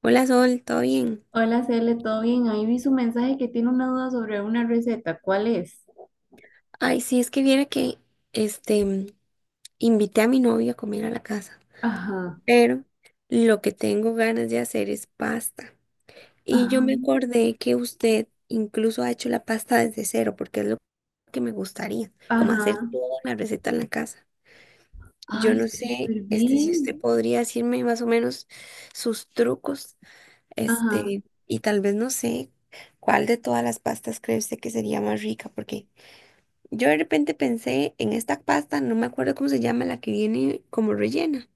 Hola Sol, ¿todo bien? Hola, Cele, ¿todo bien? Ahí vi su mensaje que tiene una duda sobre una receta. ¿Cuál es? Ay, sí, es que viera que este invité a mi novio a comer a la casa, Ajá, pero lo que tengo ganas de hacer es pasta. Y yo ajá, me acordé que usted incluso ha hecho la pasta desde cero, porque es lo que me gustaría, como hacer ajá. toda la receta en la casa. Yo Ay, no sé, súper si bien. usted podría decirme más o menos sus trucos, Ajá, y tal vez no sé cuál de todas las pastas cree usted que sería más rica, porque yo de repente pensé en esta pasta, no me acuerdo cómo se llama, la que viene como rellena.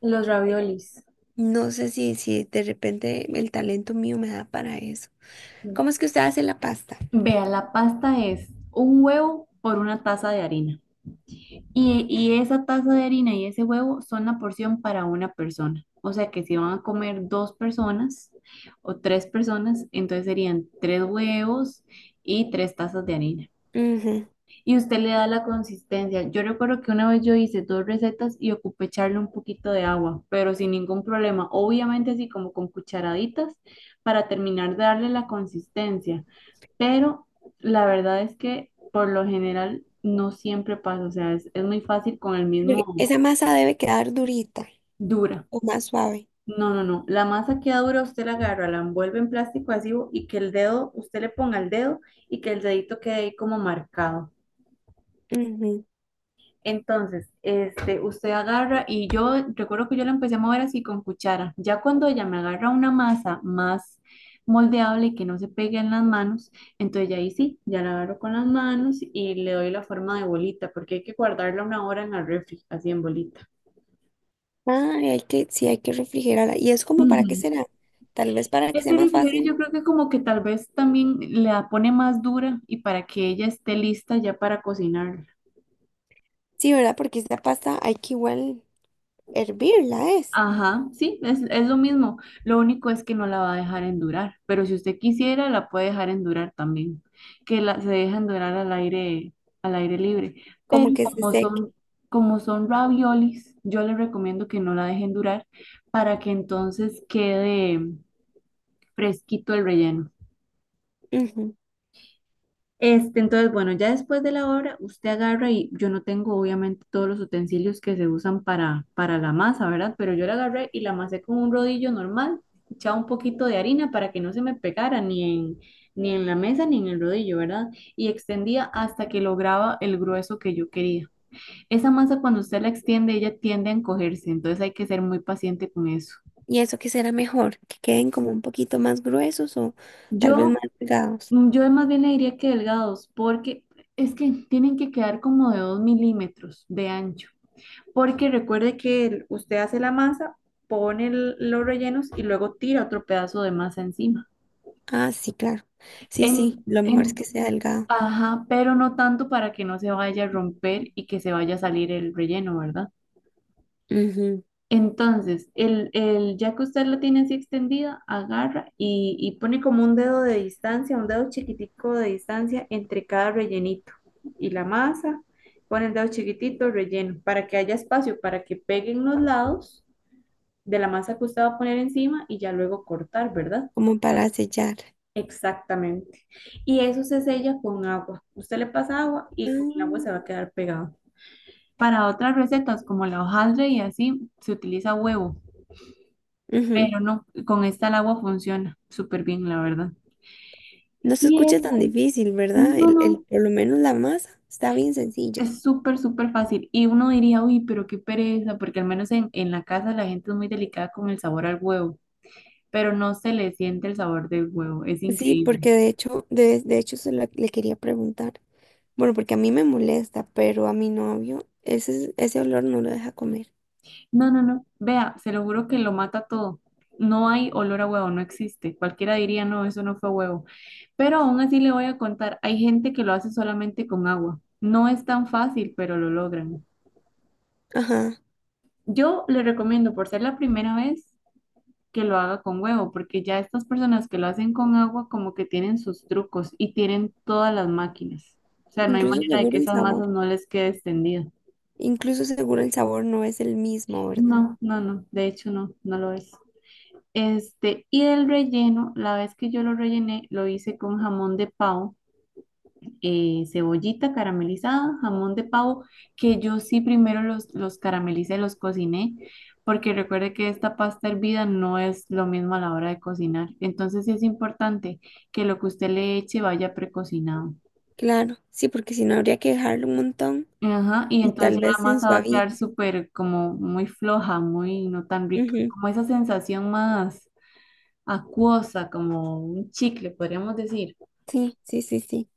los raviolis. No sé si de repente el talento mío me da para eso. ¿Cómo es que usted hace la pasta? Vea, la pasta es un huevo por una taza de harina. Y esa taza de harina y ese huevo son la porción para una persona. O sea que si van a comer dos personas o tres personas, entonces serían tres huevos y tres tazas de harina. Ujú. Y usted le da la consistencia. Yo recuerdo que una vez yo hice dos recetas y ocupé echarle un poquito de agua, pero sin ningún problema. Obviamente así como con cucharaditas para terminar de darle la consistencia. Pero la verdad es que por lo general no siempre pasa. O sea, es muy fácil con el Porque mismo esa masa, ¿debe quedar durita dura. o más suave? No, no, no. La masa queda dura, usted la agarra, la envuelve en plástico adhesivo y que el dedo, usted le ponga el dedo y que el dedito quede ahí como marcado. Ujú. Entonces, este, usted agarra y yo recuerdo que yo la empecé a mover así con cuchara. Ya cuando ella me agarra una masa más moldeable y que no se pegue en las manos, entonces ya ahí sí, ya la agarro con las manos y le doy la forma de bolita, porque hay que guardarla una hora en el refri, así en bolita. Ah, hay que, sí, hay que refrigerarla. ¿Y es como para qué Ujú. será? Tal vez para que sea Ese más refrigerio fácil. yo creo que como que tal vez también la pone más dura y para que ella esté lista ya para cocinar. Sí, ¿verdad? Porque esta pasta hay que igual hervirla, es Ajá, sí, es lo mismo. Lo único es que no la va a dejar endurar, pero si usted quisiera, la puede dejar endurar también, que se deja endurar al aire libre. Pero como que se como seque. son, como son raviolis, yo le recomiendo que no la deje endurar para que entonces quede fresquito el relleno. Ujú. Este, entonces, bueno, ya después de la obra, usted agarra y yo no tengo obviamente todos los utensilios que se usan para la masa, ¿verdad? Pero yo la agarré y la amasé con un rodillo normal, echaba un poquito de harina para que no se me pegara ni en la mesa ni en el rodillo, ¿verdad? Y extendía hasta que lograba el grueso que yo quería. Esa masa cuando usted la extiende, ella tiende a encogerse, entonces hay que ser muy paciente con eso. ¿Y eso qué será mejor? ¿Que queden como un poquito más gruesos o tal vez Yo más delgados? Yo más bien le diría que delgados, porque es que tienen que quedar como de 2 milímetros de ancho. Porque recuerde que usted hace la masa, pone los rellenos y luego tira otro pedazo de masa encima. Ah, sí, claro. Sí, sí, En, lo mejor es en, que sea delgado. ajá, pero no tanto para que no se vaya a romper y que se vaya a salir el relleno, ¿verdad? Ujú. Entonces, ya que usted lo tiene así extendida, agarra y pone como un dedo de distancia, un dedo chiquitico de distancia entre cada rellenito y la masa. Pone el dedo chiquitito, relleno, para que haya espacio, para que peguen los lados de la masa que usted va a poner encima y ya luego cortar, ¿verdad? Como para sellar. Exactamente. Y eso se sella con agua. Usted le pasa agua y con el agua se va Ah, a quedar pegado. Para otras recetas como la hojaldre y así, se utiliza huevo. ujú. Pero no, con esta el agua funciona súper bien, la verdad. No se Y es escucha tan difícil, ¿verdad? no, El- no. por lo menos la masa está bien sencilla. Es súper, súper fácil. Y uno diría, uy, pero qué pereza, porque al menos en la casa la gente es muy delicada con el sabor al huevo, pero no se le siente el sabor del huevo, es Sí, increíble. porque de hecho, de hecho se la- le quería preguntar. Bueno, porque a mí me molesta, pero a mi novio ese, ese olor no lo deja comer. No, no, no, vea, se lo juro que lo mata todo. No hay olor a huevo, no existe. Cualquiera diría, no, eso no fue huevo. Pero aún así le voy a contar, hay gente que lo hace solamente con agua. No es tan fácil, pero lo logran. Ajá. Yo le recomiendo, por ser la primera vez, que lo haga con huevo, porque ya estas personas que lo hacen con agua como que tienen sus trucos y tienen todas las máquinas. O sea, no hay Incluso manera de que seguro el esas masas sabor. no les quede extendida. Incluso seguro el sabor no es el mismo, ¿verdad? No, no, no, de hecho no, no lo es. Este, y el relleno, la vez que yo lo rellené, lo hice con jamón de pavo, cebollita caramelizada, jamón de pavo, que yo sí primero los caramelicé, los cociné, porque recuerde que esta pasta hervida no es lo mismo a la hora de cocinar. Entonces sí es importante que lo que usted le eche vaya precocinado. Claro, sí, porque si no habría que dejarlo un montón Ajá, y y entonces tal ya vez la se masa va a quedar suavice. súper como muy floja, muy no tan rica, Ujú. como esa sensación más acuosa, como un chicle, podríamos decir. Sí, sí, sí, sí.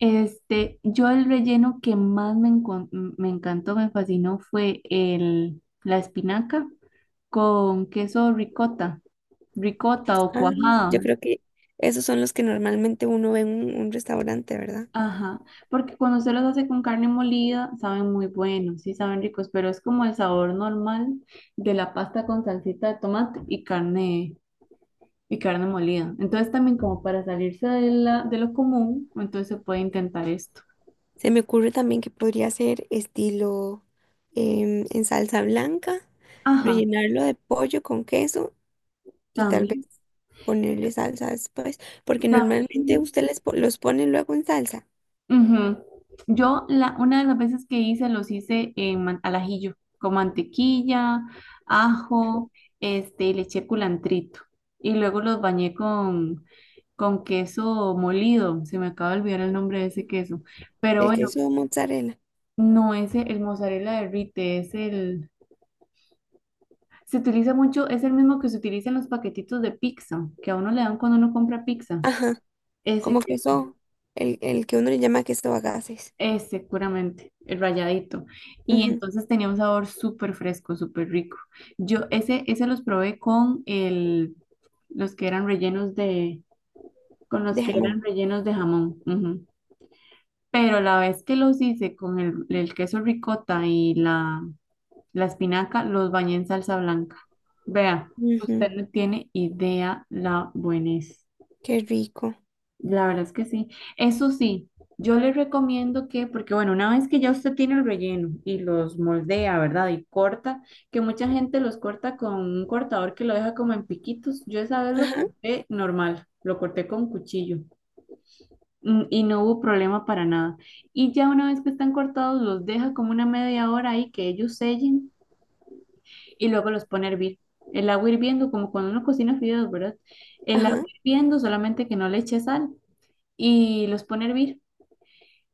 Este, yo el relleno que más me encantó, me fascinó fue la espinaca con queso ricota, ricota o Ah, cuajada. yo creo que esos son los que normalmente uno ve en un restaurante, ¿verdad? Ajá, porque cuando se los hace con carne molida, saben muy buenos, sí saben ricos, pero es como el sabor normal de la pasta con salsita de tomate y carne molida. Entonces también como para salirse de la, de lo común, entonces se puede intentar esto. Se me ocurre también que podría ser estilo en salsa blanca, Ajá, rellenarlo de pollo con queso y tal vez también, ponerle salsa después, porque normalmente también. usted les po- los pone luego en salsa, Ujú. Yo la, una de las veces que hice los hice en al ajillo, con mantequilla, ajo, este, le eché culantrito y luego los bañé con queso molido, se me acaba de olvidar el nombre de ese queso, pero el bueno, queso mozzarella. no es el mozzarella derrite, es se utiliza mucho, es el mismo que se utiliza en los paquetitos de pizza, que a uno le dan cuando uno compra pizza, Ajá. Como ese queso. queso, el que uno le llama queso a gases. Eh, seguramente, el rayadito. Y Ujú. entonces tenía un sabor súper fresco, súper rico. Yo ese los probé con el, los que eran rellenos de, con los De que jamón. eran rellenos de jamón. Ujú. Pero la vez que los hice con el queso ricota y la espinaca, los bañé en salsa blanca. Vea, Ujú. usted no tiene idea la buenez. Qué rico. La verdad es que sí. Eso sí, yo le recomiendo que, porque bueno, una vez que ya usted tiene el relleno y los moldea, ¿verdad? Y corta, que mucha gente los corta con un cortador que lo deja como en piquitos. Yo esa vez lo Ajá, corté normal, lo corté con cuchillo, mm, y no hubo problema para nada. Y ya una vez que están cortados, los deja como una media hora ahí que ellos sellen y luego los pone a hervir. El agua hirviendo, como cuando uno cocina fideos, ¿verdad? El agua ajá, hirviendo, solamente que no le eche sal y los pone a hervir.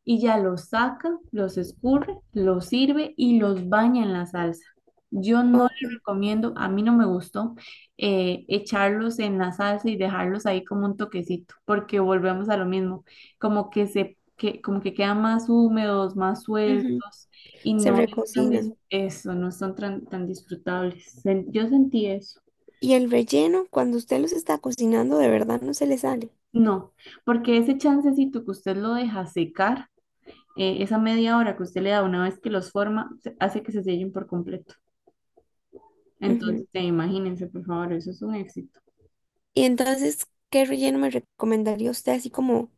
Y ya los saca, los escurre, los sirve y los baña en la salsa. Yo no ok. le recomiendo, a mí no me gustó, echarlos en la salsa y dejarlos ahí como un toquecito, porque volvemos a lo mismo, como que como que quedan más húmedos, más Ujú. sueltos y Se no están recocinan. eso, no son tan, tan disfrutables. Yo sentí eso. Y el relleno, cuando usted los está cocinando, ¿de verdad no se le sale? No, porque ese chancecito que usted lo deja secar, esa media hora que usted le da una vez que los forma, hace que se sellen por completo. Ujú. Entonces, imagínense, por favor, eso es un éxito. Y entonces, ¿qué relleno me recomendaría usted así como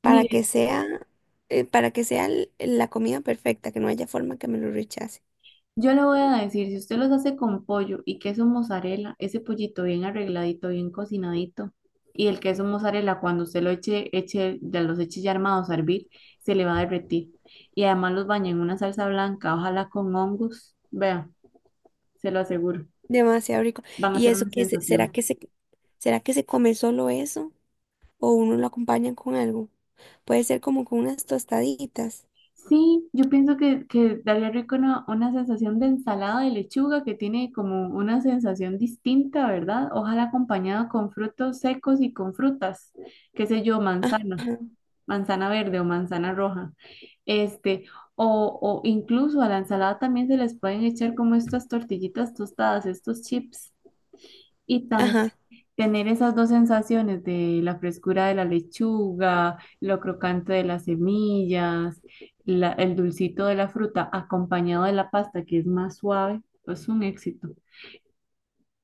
para que Mire, sea, para que sea l- la comida perfecta, que no haya forma que me lo rechace? yo le voy a decir, si usted los hace con pollo y queso mozzarella, ese pollito bien arregladito, bien cocinadito, y el queso mozzarella, cuando usted lo ya los eche ya armados a hervir, se le va a derretir. Y además los baña en una salsa blanca, ojalá con hongos. Vea, se lo aseguro, Demasiado rico. van a ¿Y ser una eso qué se- será sensación. que se, será que se come solo eso? ¿O uno lo acompaña con algo? Puede ser como con unas tostaditas. Sí, yo pienso que daría rico una, sensación de ensalada de lechuga que tiene como una sensación distinta, ¿verdad? Ojalá acompañada con frutos secos y con frutas, qué sé yo, Ajá, manzana, manzana verde o manzana roja. Este, o incluso a la ensalada también se les pueden echar como estas tortillitas tostadas, estos chips. Y ajá. tener esas dos sensaciones de la frescura de la lechuga, lo crocante de las semillas, el dulcito de la fruta acompañado de la pasta que es más suave, es un éxito.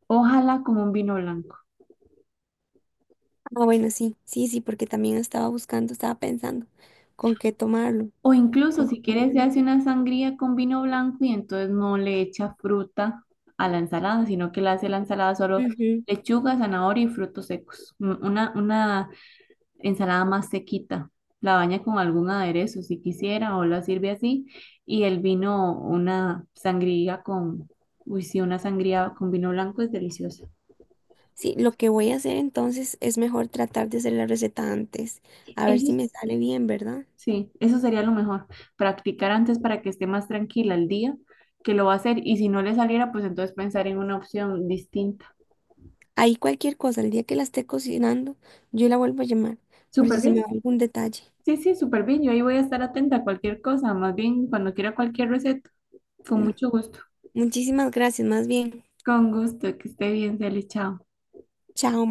Ojalá como un vino blanco. Ah, bueno, sí, sí, sí, porque también estaba buscando, estaba pensando con qué tomarlo, O incluso con qué si quieres se comerlo. hace una sangría con vino blanco y entonces no le echa fruta a la ensalada, sino que le hace la ensalada solo Ujú. lechuga, zanahoria y frutos secos. Una ensalada más sequita. La baña con algún aderezo si quisiera o la sirve así. Y el vino, una sangría con, uy, sí, una sangría con vino blanco es deliciosa. Sí, lo que voy a hacer entonces es mejor tratar de hacer la receta antes, Eso, a ver si es- me sale bien, ¿verdad? sí, eso sería lo mejor. Practicar antes para que esté más tranquila el día que lo va a hacer. Y si no le saliera, pues entonces pensar en una opción distinta. Ahí cualquier cosa, el día que la esté cocinando, yo la vuelvo a llamar, por Súper si se me bien. va algún detalle. Sí, sí, súper bien. Yo ahí voy a estar atenta a cualquier cosa. Más bien, cuando quiera cualquier receta, con Mm. mucho gusto. Muchísimas gracias, más bien. Con gusto, que esté bien, Cele, chao. Chao.